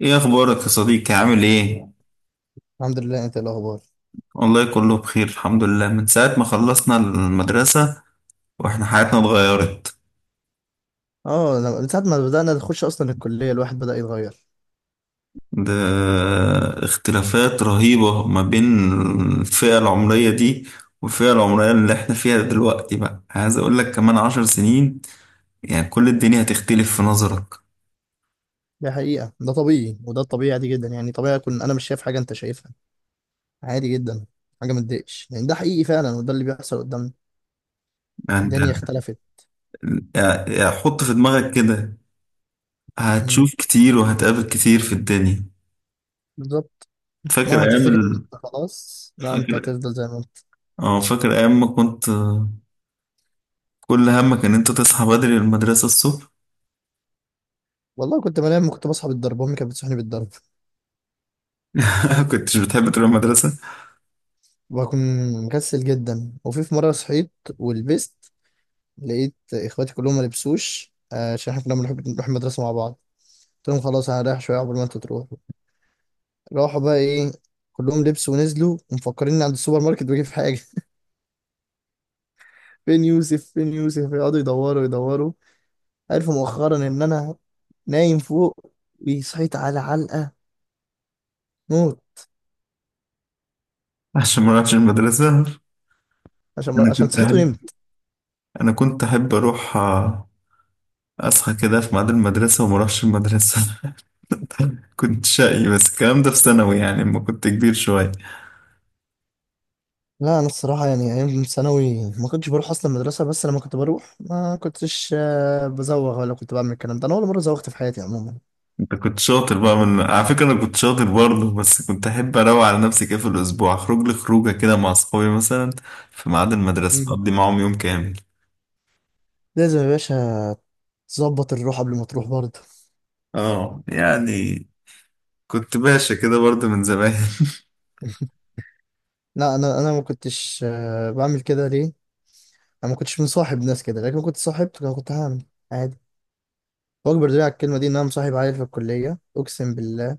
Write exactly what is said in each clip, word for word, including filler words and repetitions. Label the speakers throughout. Speaker 1: ايه اخبارك يا صديقي؟ عامل ايه؟
Speaker 2: الحمد لله. انت ايه الاخبار؟
Speaker 1: والله كله بخير الحمد لله. من ساعة ما خلصنا المدرسة واحنا حياتنا اتغيرت.
Speaker 2: اه، لما- من ساعه ما بدانا نخش اصلا الكليه الواحد بدا يتغير.
Speaker 1: ده اختلافات رهيبة ما بين الفئة العمرية دي والفئة العمرية اللي احنا فيها دلوقتي، بقى عايز اقول لك كمان عشر سنين يعني كل الدنيا هتختلف في نظرك.
Speaker 2: دي حقيقه، ده طبيعي وده الطبيعي، عادي جدا يعني، طبيعي اكون انا مش شايف حاجه انت شايفها، عادي جدا. حاجه ما تضايقش، يعني ده حقيقي فعلا وده اللي بيحصل قدامنا.
Speaker 1: يعني انت،
Speaker 2: الدنيا اختلفت.
Speaker 1: يعني حط في دماغك كده،
Speaker 2: امم.
Speaker 1: هتشوف كتير وهتقابل كتير في الدنيا.
Speaker 2: بالظبط.
Speaker 1: فاكر
Speaker 2: مهما
Speaker 1: ايام
Speaker 2: تفتكر ان
Speaker 1: ال...
Speaker 2: انت خلاص، لا، انت
Speaker 1: فاكر
Speaker 2: هتفضل زي ما انت.
Speaker 1: اه، فاكر ايام ما كنت كل همك ان انت تصحى بدري للمدرسة الصبح.
Speaker 2: والله كنت بنام، كنت بصحى بالضرب، امي كانت بتصحيني بالضرب.
Speaker 1: كنتش بتحب تروح المدرسة
Speaker 2: بكون مكسل جدا، وفي في مره صحيت ولبست، لقيت اخواتي كلهم ما لبسوش، آه، عشان احنا كنا بنحب نروح المدرسه مع بعض. قلت لهم خلاص انا رايح شويه قبل ما انتوا تروحوا. راحوا بقى ايه، كلهم لبسوا ونزلوا ومفكرين عند السوبر ماركت بجيب حاجه فين يوسف فين يوسف، يقعدوا يدوروا يدوروا. عرفوا مؤخرا ان انا نايم فوق، وصحيت على علقه موت.
Speaker 1: عشان ما اروحش المدرسة؟
Speaker 2: عشان
Speaker 1: انا
Speaker 2: عشان
Speaker 1: كنت
Speaker 2: صحيت
Speaker 1: احب
Speaker 2: ونمت.
Speaker 1: انا كنت احب اروح، آه، اصحى كده في ميعاد المدرسة وما اروحش المدرسة. كنت شقي، بس الكلام ده في ثانوي يعني لما كنت كبير شوية.
Speaker 2: لا، انا الصراحه يعني ايام ثانوي ما كنتش بروح اصلا المدرسه، بس لما كنت بروح ما كنتش آه، بزوغ ولا كنت بعمل الكلام ده. انا اول مره زوغت في حياتي عموما.
Speaker 1: انت كنت شاطر بقى؟ من على فكرة انا كنت شاطر برضه، بس كنت احب اروق على نفسي كده في الاسبوع، اخرج لي خروجة كده مع اصحابي مثلا في ميعاد المدرسة
Speaker 2: مم.
Speaker 1: اقضي معاهم يوم كامل.
Speaker 2: لازم يا باشا تظبط الروح قبل ما تروح برضه.
Speaker 1: اه يعني، كنت باشا كده برضه من زمان.
Speaker 2: لا، انا انا ما كنتش آه، بعمل كده. ليه؟ انا ما كنتش مصاحب ناس كده، لكن لو كنت صاحبت كان كنت هعمل عادي. واكبر دليل على الكلمه دي ان انا مصاحب عيل في الكليه، اقسم بالله،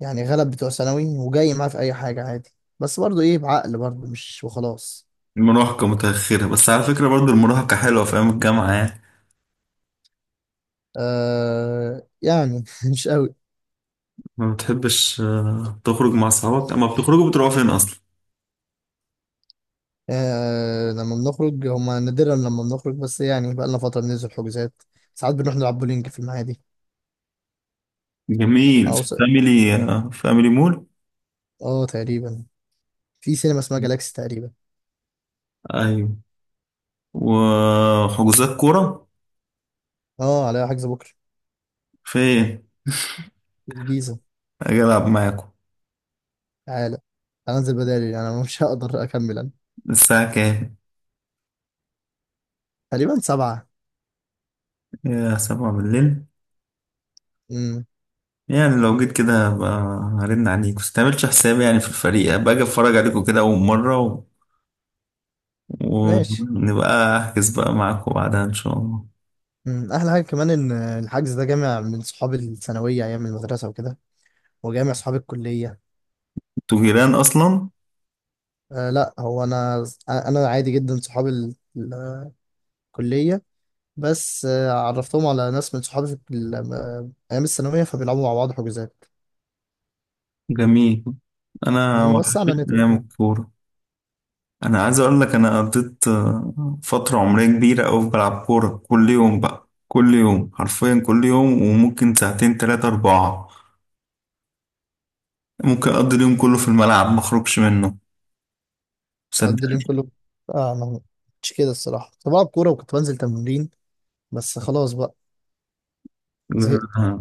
Speaker 2: يعني غلب بتوع ثانوي وجاي معاه في اي حاجه عادي، بس برضو ايه، بعقل برضو مش وخلاص.
Speaker 1: المراهقة متأخرة، بس على فكرة برضو المراهقة حلوة في أيام الجامعة يعني.
Speaker 2: آه يعني مش قوي.
Speaker 1: ما بتحبش آه، تخرج مع صحابك؟ أما بتخرجوا بتروحوا فين أصلا؟
Speaker 2: آه لما بنخرج، هما نادرا لما بنخرج، بس يعني بقى لنا فتره بننزل حجوزات. ساعات بنروح نلعب بولينج في المعادي.
Speaker 1: جميل،
Speaker 2: او
Speaker 1: في
Speaker 2: س-
Speaker 1: فاميلي، آه، فاميلي مول.
Speaker 2: اه تقريبا، في سينما اسمها جالاكسي تقريبا.
Speaker 1: أيوة، وحجوزات كورة؟
Speaker 2: اه عليها حجز بكره.
Speaker 1: فين؟
Speaker 2: في الجيزه.
Speaker 1: أجي ألعب معاكم.
Speaker 2: تعالى، هنزل بدالي، انا مش هقدر اكمل انا.
Speaker 1: الساعة كام؟
Speaker 2: تقريبا سبعة.
Speaker 1: يا سبعة بالليل؟
Speaker 2: امم.
Speaker 1: يعني لو جيت كده هبقى هرن عليك، بس متعملش حسابي يعني في الفريق، باجي أتفرج عليكم كده أول مرة و...
Speaker 2: ماشي.
Speaker 1: ونبقى أحجز بقى معاكم بعدها إن شاء الله.
Speaker 2: امم، احلى حاجة كمان ان الحجز ده جامع من صحابي الثانوية ايام المدرسة وكده، وجامع صحابي الكلية.
Speaker 1: انتوا جيران أصلا؟
Speaker 2: أه لا، هو انا، انا عادي جدا صحابي ال- الكلية، بس آه، عرفتهم على ناس من صحابي في ال- آه، ايام الثانوية، فبيلعبوا مع بعض حجوزات.
Speaker 1: جميل. انا
Speaker 2: وسعنا
Speaker 1: وحشتني
Speaker 2: نتورك
Speaker 1: ايام
Speaker 2: يعني.
Speaker 1: الكوره. انا عايز اقول لك، انا قضيت آه، فتره عمريه كبيره قوي بلعب كوره كل يوم، بقى كل يوم حرفيا، كل يوم وممكن ساعتين ثلاثه اربعه. ممكن اقضي اليوم كله في الملعب ما اخرجش منه،
Speaker 2: بقضي اليوم
Speaker 1: صدقني.
Speaker 2: كله. اه ما، مش كده الصراحة، كنت بلعب كورة وكنت بنزل تمرين، بس خلاص بقى، زهقت.
Speaker 1: آه،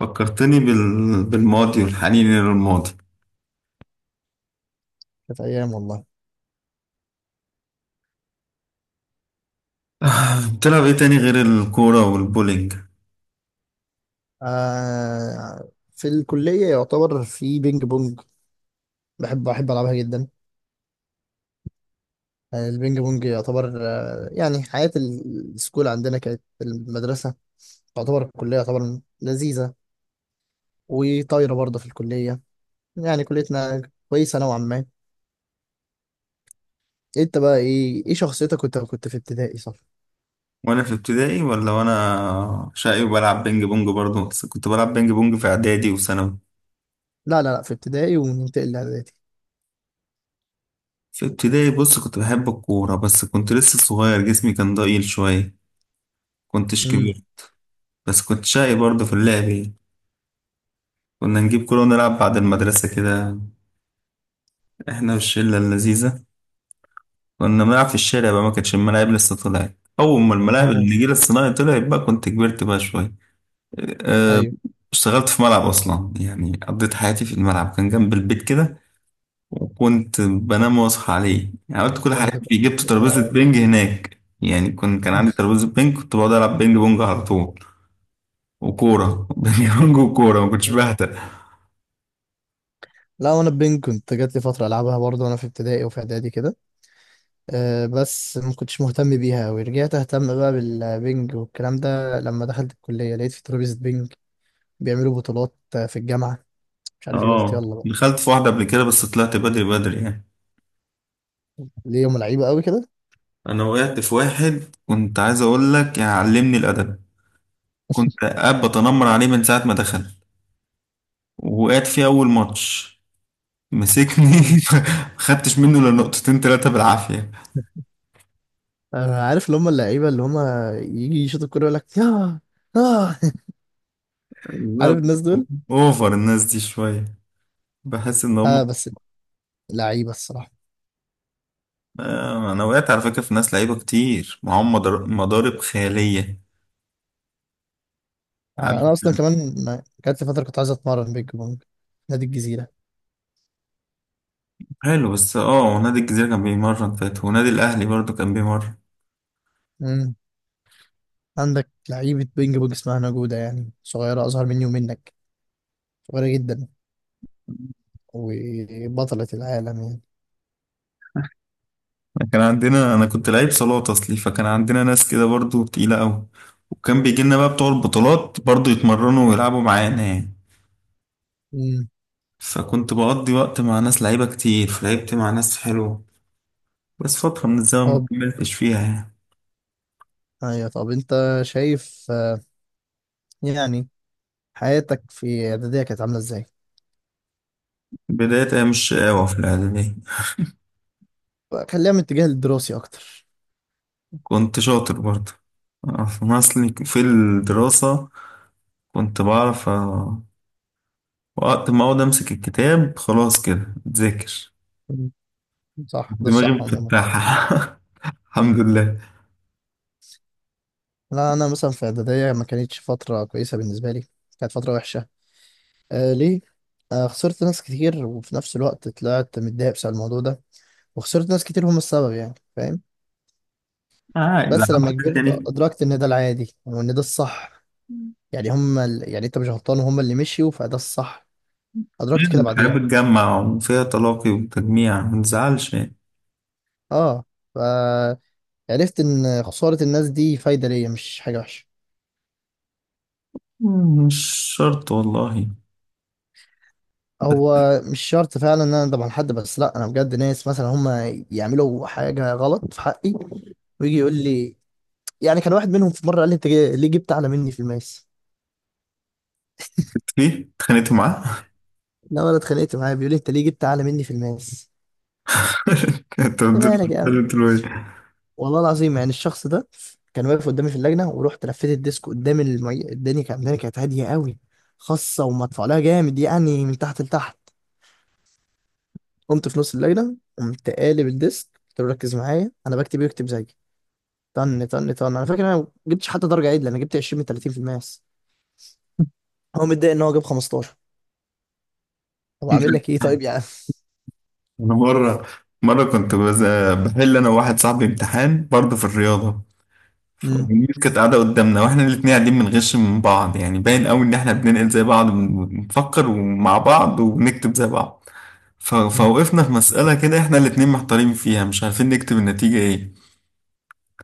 Speaker 1: فكرتني بال... بالماضي والحنين للماضي.
Speaker 2: كانت ايام والله.
Speaker 1: آه، بتلعب ايه تاني غير الكوره والبولينج؟
Speaker 2: آه في الكلية يعتبر في بينج بونج، بحب بحب ألعبها جدا. آه، البينج بونج يعتبر آه يعني حياة ال- السكول عندنا كانت في المدرسة، تعتبر الكلية يعتبر لذيذة، وطايرة برضه في الكلية. يعني كليتنا كويسة نوعا ما. انت بقى ايه، ايه شخصيتك وانت كنت في ابتدائي، صح؟
Speaker 1: وانا في ابتدائي؟ ولا وانا شقي وبلعب بينج بونج برضه؟ بس كنت بلعب بينج بونج في اعدادي وثانوي.
Speaker 2: لا لا لا، في ابتدائي وننتقل لإعدادي.
Speaker 1: في ابتدائي بص، كنت بحب الكورة بس كنت لسه صغير، جسمي كان ضئيل شوية، كنتش
Speaker 2: امم.
Speaker 1: كبير. بس كنت شقي برضه في اللعب يعني. كنا نجيب كورة ونلعب بعد المدرسة كده، احنا والشلة اللذيذة. كنا بنلعب في الشارع بقى، ما كانتش الملاعب لسه طلعت. أول ما الملاعب
Speaker 2: اه.
Speaker 1: النجيل الصناعي طلعت بقى كنت كبرت بقى شوية. أه،
Speaker 2: ايوه.
Speaker 1: اشتغلت في ملعب أصلا، يعني قضيت حياتي في الملعب، كان جنب البيت كده وكنت بنام واصحى عليه. يعني عملت كل
Speaker 2: ده انت
Speaker 1: حاجات فيه،
Speaker 2: كنت-
Speaker 1: جبت ترابيزة
Speaker 2: آه.
Speaker 1: بينج هناك، يعني كنت كان عندي ترابيزة بينج كنت بقعد ألعب بينج بونج على طول. وكورة بينج بونج وكورة، ما كنتش بهتر.
Speaker 2: لا، وانا بينج كنت جات لي فترة ألعبها برضه وانا في ابتدائي وفي إعدادي كده. آه، بس ما كنتش مهتم بيها أوي. رجعت أهتم بقى بالبنج والكلام ده لما دخلت الكلية لقيت في ترابيزة بنج، بيعملوا بطولات آه، في الجامعة، مش عارف إيه، قلت
Speaker 1: اه
Speaker 2: يلا بقى.
Speaker 1: دخلت في واحدة قبل كده بس طلعت بدري بدري يعني.
Speaker 2: ليه هم لعيبة أوي كده؟
Speaker 1: أنا وقعت في واحد كنت عايز أقول لك، يعني علمني الأدب. كنت قاعد بتنمر عليه من ساعة ما دخل، وقعت فيه أول ماتش، مسكني.
Speaker 2: مم.
Speaker 1: ما خدتش منه إلا نقطتين تلاتة بالعافية.
Speaker 2: أنا عارف اللي هم اللعيبة، اللي هم يجي يشوط الكورة يقول لك ياه. آه عارف
Speaker 1: لا،
Speaker 2: الناس دول.
Speaker 1: اوفر الناس دي شوية. بحس ان
Speaker 2: آه
Speaker 1: هم،
Speaker 2: بس، لعيبة الصراحة.
Speaker 1: آه، انا وقعت على فكره في ناس لعيبه كتير معاهم مدار- مضارب خياليه،
Speaker 2: آه
Speaker 1: عارف؟
Speaker 2: أنا أصلا كمان ما- جات لي فترة كنت عايز أتمرن بينج بونج. نادي الجزيرة.
Speaker 1: حلو، بس اه ونادي الجزيره كان بيمرن فات، ونادي الاهلي برضو كان بيمرن.
Speaker 2: مم. عندك لعيبة بينج بونج اسمها نجودة، يعني صغيرة أصغر مني ومنك، صغيرة جدا، وبطلة العالم يعني.
Speaker 1: كان عندنا، انا كنت لعيب صالات اصلي، فكان عندنا ناس كده برضو تقيله قوي. وكان بيجي لنا بقى بتوع البطولات برضو يتمرنوا ويلعبوا معانا يعني.
Speaker 2: مم.
Speaker 1: فكنت بقضي وقت مع ناس لعيبه كتير، فلعبت مع ناس حلوه، بس فتره من الزمن ما
Speaker 2: طب،
Speaker 1: كملتش فيها يعني.
Speaker 2: ايوه طب انت شايف آه، يعني حياتك في اعدادية كانت عاملة ازاي؟
Speaker 1: بدايه ايام الشقاوه في الاعداديه
Speaker 2: خليها من الاتجاه الدراسي اكتر.
Speaker 1: كنت شاطر برضه، آه، أنا أصلي في الدراسة كنت بعرف، آه، وقت ما أقعد أمسك الكتاب خلاص كده أتذاكر.
Speaker 2: مم. صح، ده
Speaker 1: دماغي
Speaker 2: الصح عموما.
Speaker 1: مفتحة الحمد لله.
Speaker 2: لا، انا مثلا في اعدادية ما كانتش فترة كويسة بالنسبة لي، كانت فترة وحشة. آه. ليه؟ آه خسرت ناس كتير، وفي نفس الوقت طلعت متضايق بسبب الموضوع ده، وخسرت ناس كتير هم السبب، يعني فاهم؟
Speaker 1: آه
Speaker 2: بس لما
Speaker 1: زعلت
Speaker 2: كبرت
Speaker 1: تاني.
Speaker 2: ادركت ان ده العادي وان ده الصح، يعني هم ال... يعني انت مش غلطان وهم اللي مشيوا، فده الصح. أدركت كده
Speaker 1: الحياة
Speaker 2: بعدين.
Speaker 1: بتجمع وفيها تلاقي وتجميع، ما تزعلش يعني.
Speaker 2: اه. فعرفت إن خسارة الناس دي فايدة ليا، مش حاجة وحشة.
Speaker 1: مم، مش شرط والله. بس
Speaker 2: هو مش شرط فعلا إن أنا أندم على حد، بس لأ، أنا بجد ناس مثلا هما يعملوا حاجة غلط في حقي ويجي يقول لي. يعني كان واحد منهم في مرة قال لي أنت جاي- ليه جبت أعلى مني في الماس؟
Speaker 1: في اتخانقت معاه؟
Speaker 2: لا أنا اتخانقت معاه، بيقول لي أنت ليه جبت أعلى مني في الماس؟
Speaker 1: كنت
Speaker 2: أنت
Speaker 1: بدل-
Speaker 2: مالك يا عم؟
Speaker 1: بدل- بدل-
Speaker 2: والله العظيم، يعني الشخص ده كان واقف قدامي في اللجنة، ورحت لفيت الديسك قدام المي... الدنيا. كانت الدنيا كانت هادية قوي، خاصة ومدفوع لها جامد يعني من تحت لتحت. قمت في نص الليلة، قمت قالب الديسك، قلت له ركز معايا أنا بكتب يكتب زيي. طن طن طن، أنا فاكر أنا ما جبتش حتى درجة عدلة، أنا جبت عشرين من ثلاثين في الماس، هو متضايق إن هو جاب خمستاشر. طب أعمل لك إيه طيب يا عم؟
Speaker 1: انا مره مره كنت بز- بحل انا وواحد صاحبي امتحان برضه في الرياضه.
Speaker 2: مم.
Speaker 1: الناس كانت قاعدة قدامنا، واحنا الاتنين قاعدين بنغش من بعض، يعني باين قوي ان احنا بننقل زي بعض، بنفكر ومع بعض وبنكتب زي بعض. ف- فوقفنا في مسألة كده احنا الاتنين محتارين فيها مش عارفين نكتب النتيجة ايه.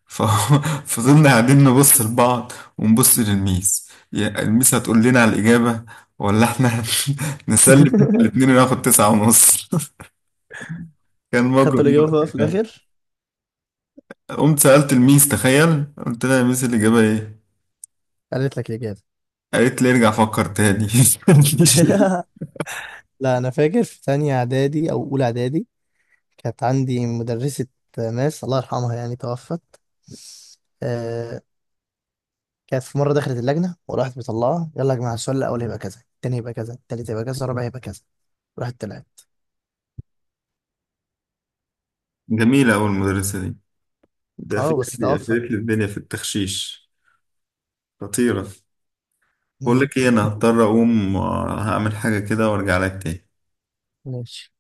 Speaker 1: ف- فضلنا قاعدين نبص لبعض ونبص للميس، يا الميس هتقول لنا على الإجابة، ولا احنا نسلم احنا الاتنين وناخد تسعة ونص. كان
Speaker 2: خدت
Speaker 1: موقف
Speaker 2: الإجابة بقى في
Speaker 1: مضحك قوي.
Speaker 2: الآخر؟
Speaker 1: قمت سألت الميس، تخيل، قلت لها يا ميس الإجابة ايه؟
Speaker 2: قالت لك الإجابة.
Speaker 1: قالت لي ارجع فكر تاني.
Speaker 2: لا، أنا فاكر في تانية إعدادي أو أولى إعدادي كانت عندي مدرسة ماس، الله يرحمها يعني توفت. آه، كانت في مرة دخلت اللجنة وراحت مطلعة، يلا يا جماعة السؤال الأول هيبقى كذا، التاني هيبقى كذا، التالت هيبقى كذا، الرابع هيبقى كذا. راحت طلعت.
Speaker 1: جميلة أوي المدرسة دي. ده
Speaker 2: اه بس
Speaker 1: قفلت لي
Speaker 2: توفى.
Speaker 1: قفلت لي الدنيا في التخشيش، خطيرة. بقول
Speaker 2: مم.
Speaker 1: لك إيه، أنا هضطر أقوم، آه، هعمل حاجة كده وأرجع لك تاني.
Speaker 2: ماشي.